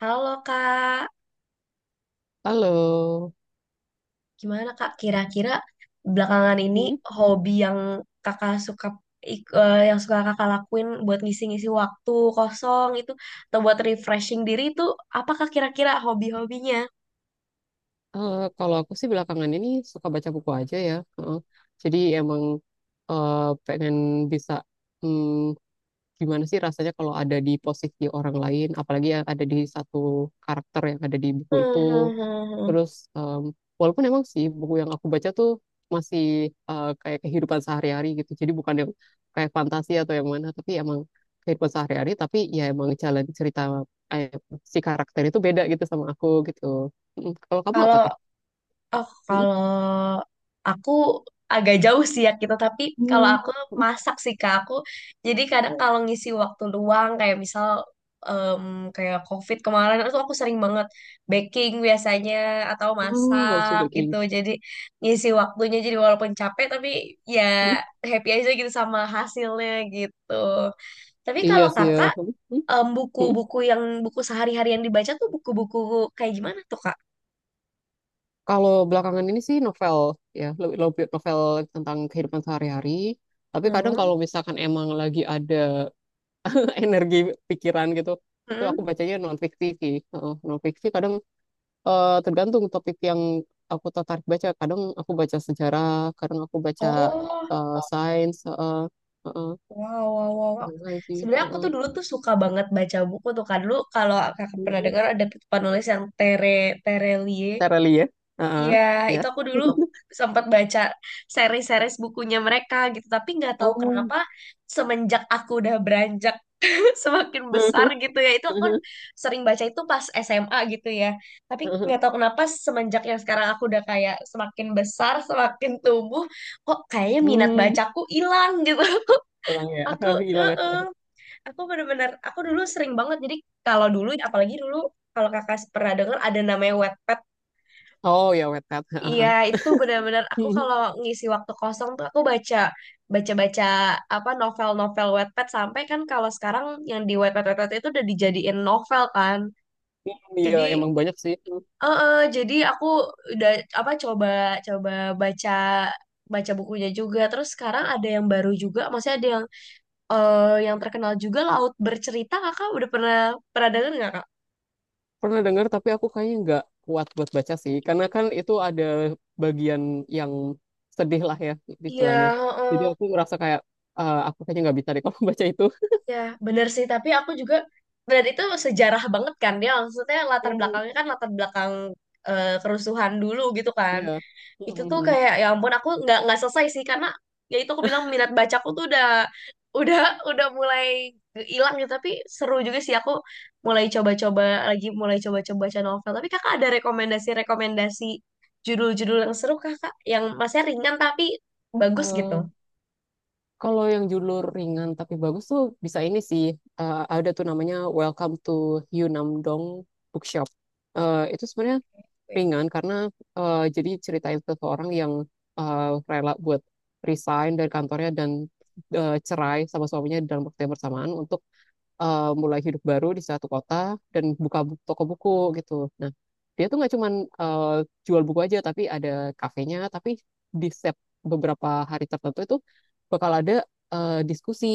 Halo Kak, Halo. gimana Kak? Kira-kira belakangan ini Hmm, hobi yang Kakak suka ik- eh, yang suka Kakak lakuin buat ngisi-ngisi waktu kosong itu atau buat refreshing diri itu apakah kira-kira hobi-hobinya? Kalau aku sih belakangan ini suka baca buku aja ya. Heeh. Jadi emang eh, pengen bisa hmm, gimana sih rasanya kalau ada di posisi orang lain, apalagi yang ada di satu karakter yang ada di buku Hmm, itu. hmm, hmm, Terus hmm. em, walaupun emang sih buku yang aku baca tuh masih kayak kehidupan sehari-hari gitu. Jadi bukan yang kayak fantasi atau yang mana, tapi emang kehidupan sehari-hari. Tapi ya emang jalan cerita eh, si karakter itu beda gitu sama aku gitu. Kalau kamu apa Kalau tuh? Oh, Mm, kalau aku agak jauh sih ya kita, tapi kalau hmm. aku mm, masak sih Kak. Aku jadi kadang kalau ngisi waktu luang kayak misal em, kayak COVID kemarin itu aku sering banget baking biasanya atau Ah, love masak gitu. baking. Jadi ngisi waktunya jadi walaupun capek tapi ya Mm, happy aja gitu sama hasilnya gitu. Tapi iya kalau sih ya. Kakak Mm, mm, mm. buku-buku yang buku sehari-hari yang dibaca tuh buku-buku kayak gimana tuh Kak? Kalau belakangan ini sih novel ya, lebih lebih novel tentang kehidupan sehari-hari. Tapi kadang kalau misalkan emang lagi ada energi pikiran gitu, itu Hmm. aku bacanya non fiksi sih. Heeh, non fiksi kadang tergantung topik yang aku tertarik baca, kadang aku baca sejarah, kadang aku baca Oh, sains. Heeh, heeh, wow, wow, wow, wow. apa lagi sih. Sebenarnya aku Heeh. tuh dulu tuh suka banget baca buku tuh kan dulu kalau kakak pernah Hmm. dengar ada penulis yang Terelie. Cara ya. Iya, Heeh, ya. itu aku dulu sempat baca seri-series bukunya mereka gitu, tapi nggak tahu Oh. kenapa semenjak aku udah beranjak semakin besar gitu ya, itu aku sering baca itu pas SMA gitu ya. Tapi nggak tahu kenapa semenjak yang sekarang aku udah kayak semakin besar, semakin tumbuh, kok kayaknya minat Hmm, bacaku hilang gitu. hilang ya. Aku, Hilang ya. eh Aku bener-bener, aku dulu sering banget. Jadi kalau dulu, apalagi dulu, kalau kakak pernah dengar ada namanya Wattpad. Oh ya, wetpad. Iya, Heeh. itu benar-benar aku kalau ngisi waktu kosong tuh aku baca, baca-baca apa novel-novel Wattpad sampai kan kalau sekarang yang di Wattpad, Wattpad itu udah dijadiin novel kan. Iya Jadi, emang banyak sih. Jadi aku udah apa coba coba baca baca bukunya juga. Terus sekarang ada yang baru juga, maksudnya ada yang terkenal juga Laut Bercerita kakak udah pernah pernah denger nggak kak? Pernah dengar tapi aku kayaknya nggak kuat buat baca sih karena kan itu ada bagian yang sedih lah ya Iya, istilahnya. Jadi heeh, aku merasa kayak, "Ah, aku kayaknya nggak bisa deh kalau baca itu." ya bener sih. Tapi aku juga benar itu sejarah banget kan dia. Maksudnya latar Hmm. belakangnya kan latar belakang kerusuhan dulu gitu kan. Iya. Itu tuh Mm-mm. kayak ya ampun aku nggak selesai sih karena ya itu aku bilang minat bacaku tuh udah udah mulai hilang gitu. Tapi seru juga sih aku mulai coba-coba lagi mulai coba-coba baca novel tapi kakak ada rekomendasi-rekomendasi judul-judul yang seru kakak yang masnya ringan tapi bagus gitu. Eh, kalau yang judul ringan tapi bagus tuh bisa ini sih. Eh, ada tuh namanya Welcome to Yunam Bookshop. Eh, itu sebenarnya ringan karena jadi ceritain seseorang yang eh, rela buat resign dari kantornya dan cerai sama suaminya dalam waktu yang bersamaan untuk mulai hidup baru di satu kota dan buka toko buku gitu. Nah, dia tuh nggak cuman eh, jual buku aja tapi ada kafenya, tapi di setiap beberapa hari tertentu itu bakal ada diskusi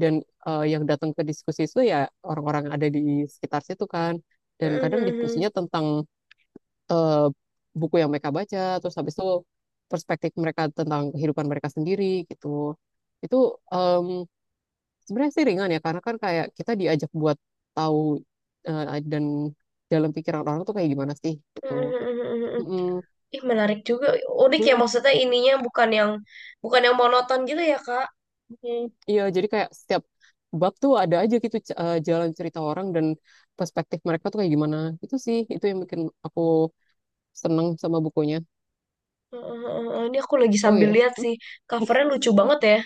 dan yang datang ke diskusi itu ya orang-orang yang ada di sekitar situ kan, dan kadang Mhm. diskusinya tentang eh, buku yang mereka baca, terus habis itu perspektif mereka tentang kehidupan mereka sendiri gitu. Itu em, sebenarnya sih ringan ya, karena kan kayak kita diajak buat tahu dan dalam pikiran orang tuh kayak gimana sih gitu. Mhm. Mm-mm. Ih, menarik juga unik ya maksudnya ininya bukan yang monoton gitu ya kak. Mm-mm. Iya, jadi kayak setiap bab tuh ada aja gitu jalan cerita orang dan perspektif mereka tuh kayak gimana. Itu sih, itu yang bikin aku seneng sama bukunya. Mhm. Ini aku lagi Oh sambil iya. lihat sih covernya lucu banget ya.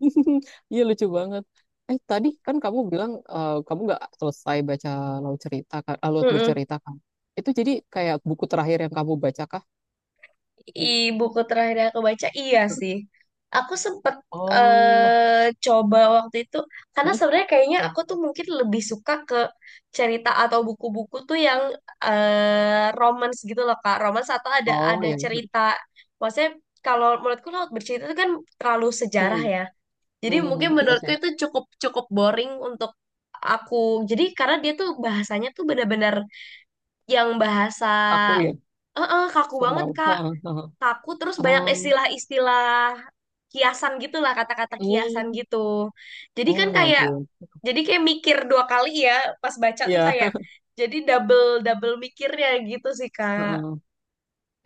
Iya lucu banget. Eh, tadi kan kamu bilang kamu nggak selesai baca laut cerita kan, ah, laut Mhm. bercerita kan. Itu jadi kayak buku terakhir yang kamu baca kah? I, buku terakhir yang aku baca, iya sih. Aku sempet Oh, coba waktu itu, karena hmm. sebenarnya kayaknya aku tuh mungkin lebih suka ke cerita atau buku-buku tuh yang romance gitu loh, Kak. Romance atau ada Oh ada ya. cerita. Maksudnya kalau menurutku Laut Bercerita itu kan terlalu sejarah Hmm. ya. Jadi mungkin Hmm. Iya menurutku sih. itu cukup cukup boring untuk aku. Jadi karena dia tuh bahasanya tuh benar-benar yang bahasa Aku ya. Kaku banget, Formal. Kak. Heeh, heeh. Kaku terus banyak Oh, istilah-istilah kiasan gitulah kata-kata kiasan hmm. gitu jadi kan Oh ya kayak ampun. jadi kayak mikir dua kali ya pas baca tuh Iya. kayak jadi double double mikirnya gitu sih kak. Heeh.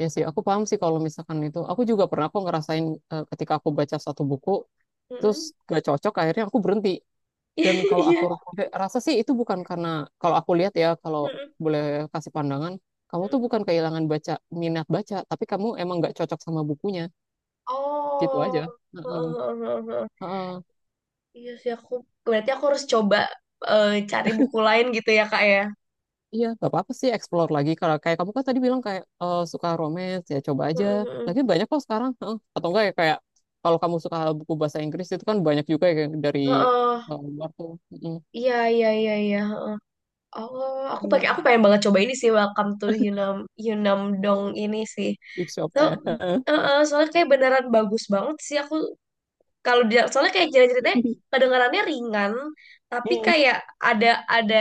Ya sih, aku paham sih kalau misalkan itu. Aku juga pernah aku ngerasain ketika aku baca satu buku, terus Mm-mm. gak cocok, akhirnya aku berhenti. Dan kalau Iya. aku rasa sih itu bukan karena, kalau aku lihat ya, kalau Mm-mm. boleh kasih pandangan, kamu tuh Mm-mm. bukan kehilangan baca minat baca, tapi kamu emang nggak cocok sama bukunya, gitu aja. Oh. Heeh. Heeh. Iya sih aku berarti aku harus coba cari buku lain gitu ya kak ya. Iya, nggak apa-apa sih explore lagi. Kalau kayak kamu kan tadi bilang kayak suka romance, ya coba aja. Mm-mm. Lagi banyak kok sekarang. Heeh. Atau enggak ya kayak kalau kamu suka buku bahasa Inggris itu kan banyak juga ya dari Heeh. Luar tuh. Heeh. Iya, iya, iya, iya. Oh, aku pakai Hmm. aku pengen banget coba ini sih Welcome to Yunam Yunam Dong ini sih. Big shop So, ya. soalnya kayak beneran bagus banget sih aku kalau dia soalnya kayak cerita-ceritanya kedengarannya ringan tapi Hmm. kayak ada ada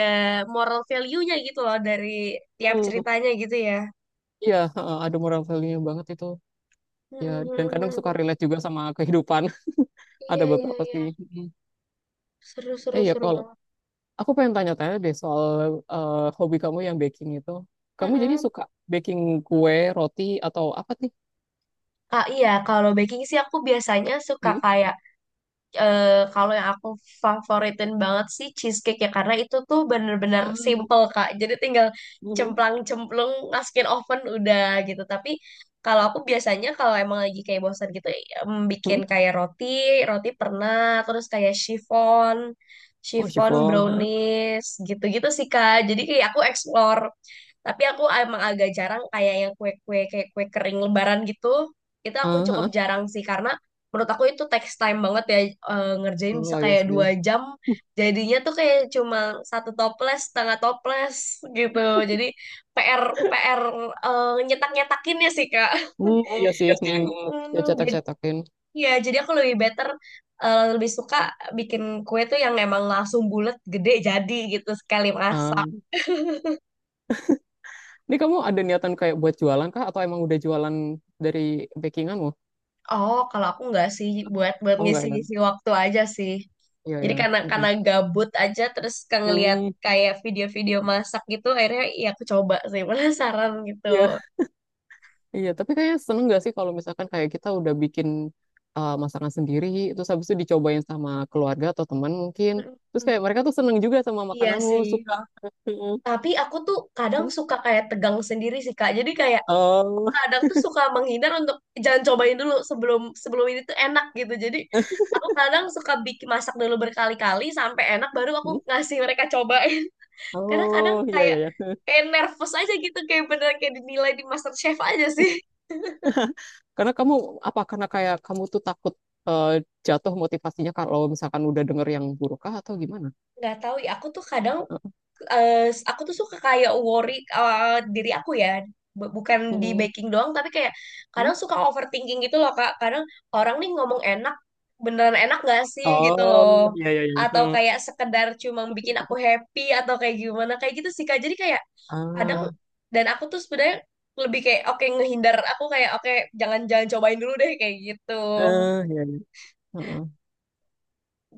moral value-nya gitu loh dari tiap Hmm. ceritanya gitu ya. Iya, heeh, ada moral value-nya banget itu. Ya, dan kadang suka Mm-mm. relate juga sama kehidupan. Ada Iya, iya, beberapa iya. sih. Mm. Seru, Eh, seru, ya seru kalau banget. aku pengen tanya-tanya deh soal hobi kamu yang baking itu. Kamu jadi Mm-mm. suka baking kue, roti atau apa sih? Ah, iya, kalau baking sih aku biasanya suka Hmm? kayak eh, kalau yang aku favoritin banget sih cheesecake ya karena itu tuh bener-bener Ah, simple Kak. Jadi tinggal mhm. cemplang-cemplung masukin oven udah gitu. Tapi kalau aku biasanya kalau emang lagi kayak bosan gitu Hmm? bikin kayak roti, roti pernah, terus kayak chiffon, Oh, chiffon chiffon. Hah? brownies gitu-gitu sih Kak. Jadi kayak aku explore. Tapi aku emang agak jarang kayak yang kue-kue kayak kue kering lebaran gitu. Itu aku Ah, cukup hah. jarang sih karena menurut aku itu text time banget ya ngerjain bisa Oh iya kayak sih. 2 jam jadinya tuh kayak cuma satu toples setengah toples gitu jadi PR PR nyetakinnya sih Kak. Hmm, Oh iya sih. iya sih. Hmm. Aku Ya hmm, jadi cetak-cetakin. ya jadi aku lebih suka bikin kue tuh yang emang langsung bulat gede jadi gitu sekali Ah. masak. Ini kamu ada niatan kayak buat jualan kah atau emang udah jualan dari bakinganmu? Oh kalau aku nggak sih buat buat Oh enggak ya. ngisi-ngisi waktu aja sih. Iya Jadi ya. karena Mm-mm. karena gabut aja terus kan ngeliat Hmm. kayak video-video masak gitu akhirnya ya aku coba sih. Penasaran gitu. Iya. Iya, tapi kayaknya seneng gak sih kalau misalkan kayak kita udah bikin masakan sendiri, terus habis itu dicobain sama keluarga atau teman mungkin. Terus Mm-mm. kayak mereka tuh seneng juga sama Iya makananmu, sih. suka. Oh, tapi aku tuh kadang suka kayak tegang sendiri sih Kak. Jadi kayak Oh, kadang tuh suka menghindar untuk jangan cobain dulu sebelum sebelum ini tuh enak gitu. Jadi aku kadang suka bikin masak dulu berkali-kali sampai enak baru aku ngasih mereka cobain. Karena kadang oh, iya, iya, kayak iya. kayak nervous aja gitu kayak bener kayak dinilai di MasterChef aja sih. Karena kamu, apa, karena kayak kamu tuh takut uh, jatuh motivasinya kalau misalkan udah denger yang buruk kah atau gimana? Nggak tahu ya aku tuh kadang eh, aku tuh suka kayak worry diri aku ya. Bukan di Mm-mm. baking doang tapi kayak kadang suka overthinking gitu loh Kak. Kadang orang nih ngomong enak beneran enak gak sih gitu Oh, loh iya, iya, iya. atau kayak sekedar cuma bikin aku happy atau kayak gimana kayak gitu sih Kak jadi kayak kadang Ah, dan aku tuh sebenarnya lebih kayak oke ngehindar aku kayak oke jangan jangan cobain dulu deh kayak gitu iya, iya. Heeh.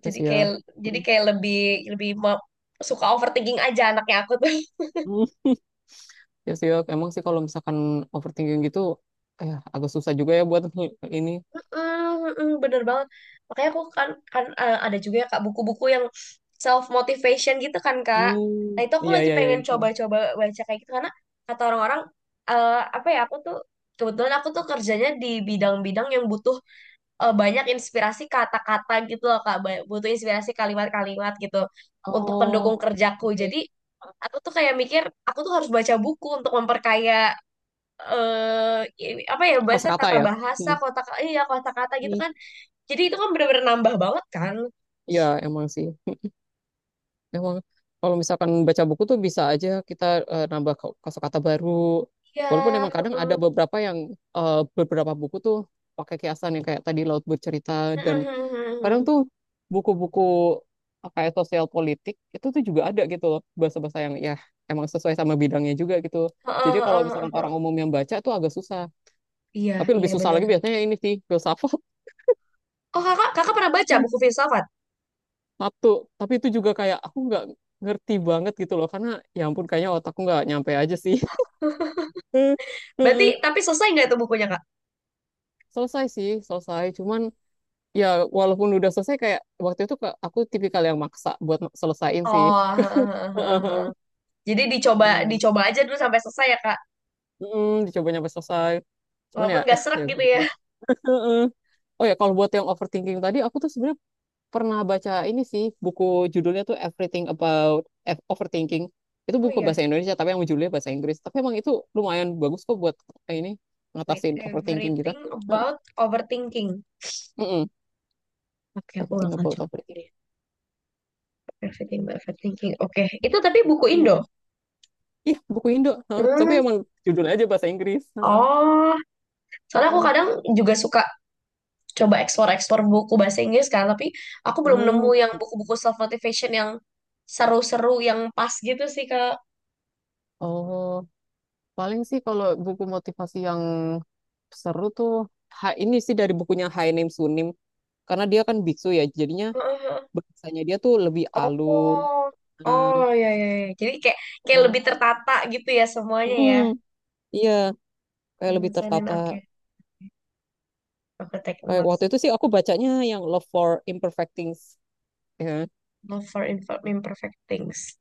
Yes, jadi kayak ya. jadi kayak lebih lebih mau- suka overthinking aja anaknya aku tuh. Mm. Ya sih, ya, emang sih kalau misalkan overthinking gitu, agak susah juga ya buat ini. Mm, mm, bener banget. Makanya aku kan, kan eh, ada juga ya Kak buku-buku yang self motivation gitu kan Kak. Nah, Hmm, itu aku iya lagi iya iya. pengen Iya. coba-coba baca kayak gitu karena kata orang-orang apa ya aku tuh kebetulan aku tuh kerjanya di bidang-bidang yang butuh banyak inspirasi kata-kata gitu loh Kak. Butuh inspirasi kalimat-kalimat gitu untuk Oh, pendukung kerjaku. oke. Jadi, aku tuh kayak mikir aku tuh harus baca buku untuk memperkaya apa ya bahasa Kosakata tata ya. bahasa Hmm. kotak iya kata kata gitu Hmm. kan jadi itu kan bener-bener nambah banget kan? Iya, emang sih. Emang kalau misalkan baca buku tuh bisa aja kita nambah kosakata baru. Walaupun Iya. emang kadang ada Heeh. beberapa yang beberapa buku tuh pakai kiasan yang kayak tadi Laut Bercerita, dan Heeh, kadang tuh buku-buku apa ya sosial politik itu tuh juga ada gitu loh bahasa-bahasa yang ya emang sesuai sama bidangnya juga gitu, jadi heeh, kalau heeh, misalkan orang heeh. umum yang baca tuh agak susah, Iya, tapi lebih iya susah benar. lagi biasanya ini sih filsafat. Oh kakak, kakak pernah baca buku filsafat? Satu, tapi itu juga kayak aku nggak ngerti banget gitu loh karena ya ampun kayaknya otakku nggak nyampe aja sih. Berarti Heeh. tapi selesai nggak itu bukunya kak? Selesai sih selesai, cuman ya, walaupun udah selesai kayak waktu itu aku tipikal yang maksa buat selesaiin sih. Oh, heeh, heeh, heeh, Heeh. heeh. Jadi dicoba Iya. dicoba aja dulu sampai selesai ya kak, Dicoba nyampe selesai. Cuman ya, walaupun nggak serak ya gitu begitu ya. lah. Heeh. Oh ya, kalau buat yang overthinking tadi, aku tuh sebenarnya pernah baca ini sih, buku judulnya tuh Everything About Overthinking. Itu Oh buku iya, bahasa Indonesia, tapi yang judulnya bahasa Inggris. Tapi emang itu lumayan bagus kok buat eh, ini, wait, ngatasin overthinking kita. everything Heeh. about overthinking. Mm-mm. Oke, aku Everything bakal About coba Overthinking. deh. Everything about overthinking. Oke, itu tapi buku Indo. Iya. Ih, buku Indo. Heeh. Tapi Hmm. emang judulnya aja bahasa Inggris. Heeh. Oh, soalnya aku Heeh. kadang juga suka coba eksplor-eksplor buku bahasa Inggris kan, tapi aku belum Hmm. nemu yang buku-buku self motivation yang seru-seru yang pas gitu sih Kak. Oh, paling sih kalau buku motivasi yang seru tuh ha, ini sih dari bukunya Haenim Sunim, karena dia kan biksu ya jadinya Heeh. bahasanya dia tuh lebih alus. Oh, oh ya ya, ya. Jadi kayak kayak Eh, lebih tertata gitu ya semuanya mm, ya. iya, kayak lebih Finance, finance, tertata, oke. Aku take kayak notes. waktu itu sih aku bacanya yang Love for Imperfect Things ya kan? Not for imperfect things.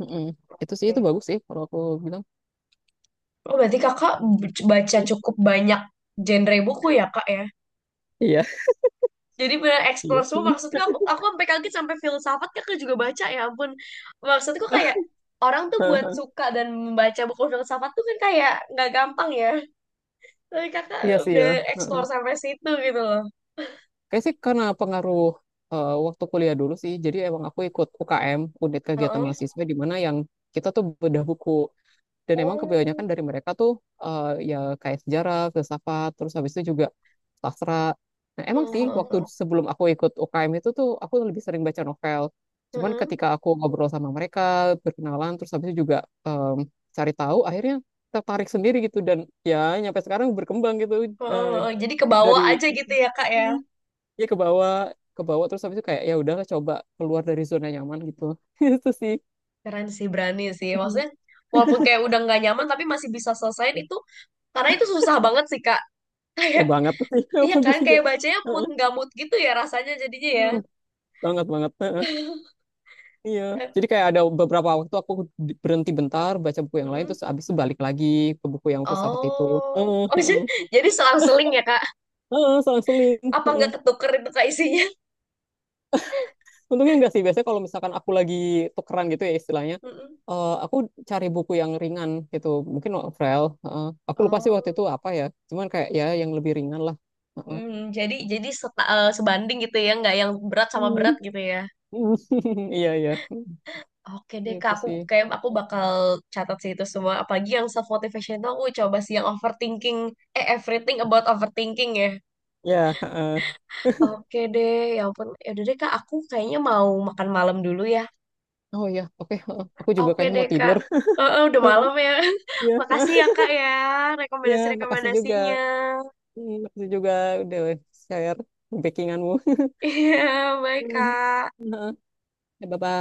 Mm-mm. Itu sih, itu Oke. bagus sih kalau aku bilang. Oh, berarti kakak baca cukup banyak genre buku ya kak ya? Iya Jadi benar explore iya. semua maksudnya aku sampai kaget sampai filsafat kan aku juga baca ya ampun. Maksudku kayak orang tuh buat suka dan membaca buku filsafat tuh kan kayak nggak gampang ya. Tapi kakak Iya sih udah ya. Heeh, explore sampai situ gitu loh. kayak sih karena pengaruh waktu kuliah dulu sih, jadi emang aku ikut UKM unit kegiatan Heeh. mahasiswa di mana yang kita tuh bedah buku, dan emang Oh. kebanyakan dari mereka tuh eh, ya kayak sejarah, filsafat, terus habis itu juga sastra. Nah, emang Heeh, sih waktu heeh, sebelum aku ikut UKM itu tuh aku lebih sering baca novel. Cuman heeh. ketika aku ngobrol sama mereka, berkenalan, terus habis itu juga em, cari tahu, akhirnya tertarik sendiri gitu dan ya nyampe sekarang berkembang gitu Heeh, eh, heeh. Jadi ke bawah dari aja gitu ya kak ya. Mm. ya ke bawah, ke bawah terus habis itu kayak ya udahlah coba keluar dari zona nyaman gitu. Itu sih. Keren sih berani sih. Maksudnya walaupun kayak udah nggak nyaman tapi masih bisa selesaiin itu karena itu susah banget sih kak. Ya Kayak banget sih. iya Bagus kan juga. kayak bacanya mood nggak mood gitu ya rasanya jadinya ya. Heeh, banget banget. Heeh, iya, jadi kayak ada beberapa waktu aku berhenti bentar baca buku yang lain Mm-mm. terus abis itu balik lagi ke buku yang filsafat itu. Oh. Heeh, Oh heeh. jadi selang-seling ya Kak? Heeh, selang-seling. Apa Heeh. nggak ketuker itu Kak isinya? Untungnya enggak sih, biasanya kalau misalkan aku lagi tukeran gitu ya istilahnya Mm-mm. Aku cari buku yang ringan gitu mungkin novel. Heeh. Aku lupa sih waktu Oh, itu apa ya, cuman kayak ya yang lebih ringan lah. Heeh. hmm, jadi sebanding gitu ya, nggak yang berat sama Hmm. berat gitu ya? Iya iya, Oke deh Kak, gitu aku sih. kayak aku bakal catat sih itu semua. Apalagi yang self motivation tuh aku coba sih yang overthinking, everything about overthinking ya. Ya heeh. Oke deh, ya ampun. Ya udah deh Kak, aku kayaknya mau makan malam dulu ya. Oh ya, oke, heeh. Aku juga Oke kayaknya deh mau Kak. tidur. Udah Heeh, malam ya. iya. Makasih ya Kak ya Ya, makasih juga. rekomendasi-rekomendasinya. Hmm, makasih juga udah share bakinganmu. Iya, baik Kak. Bye-bye.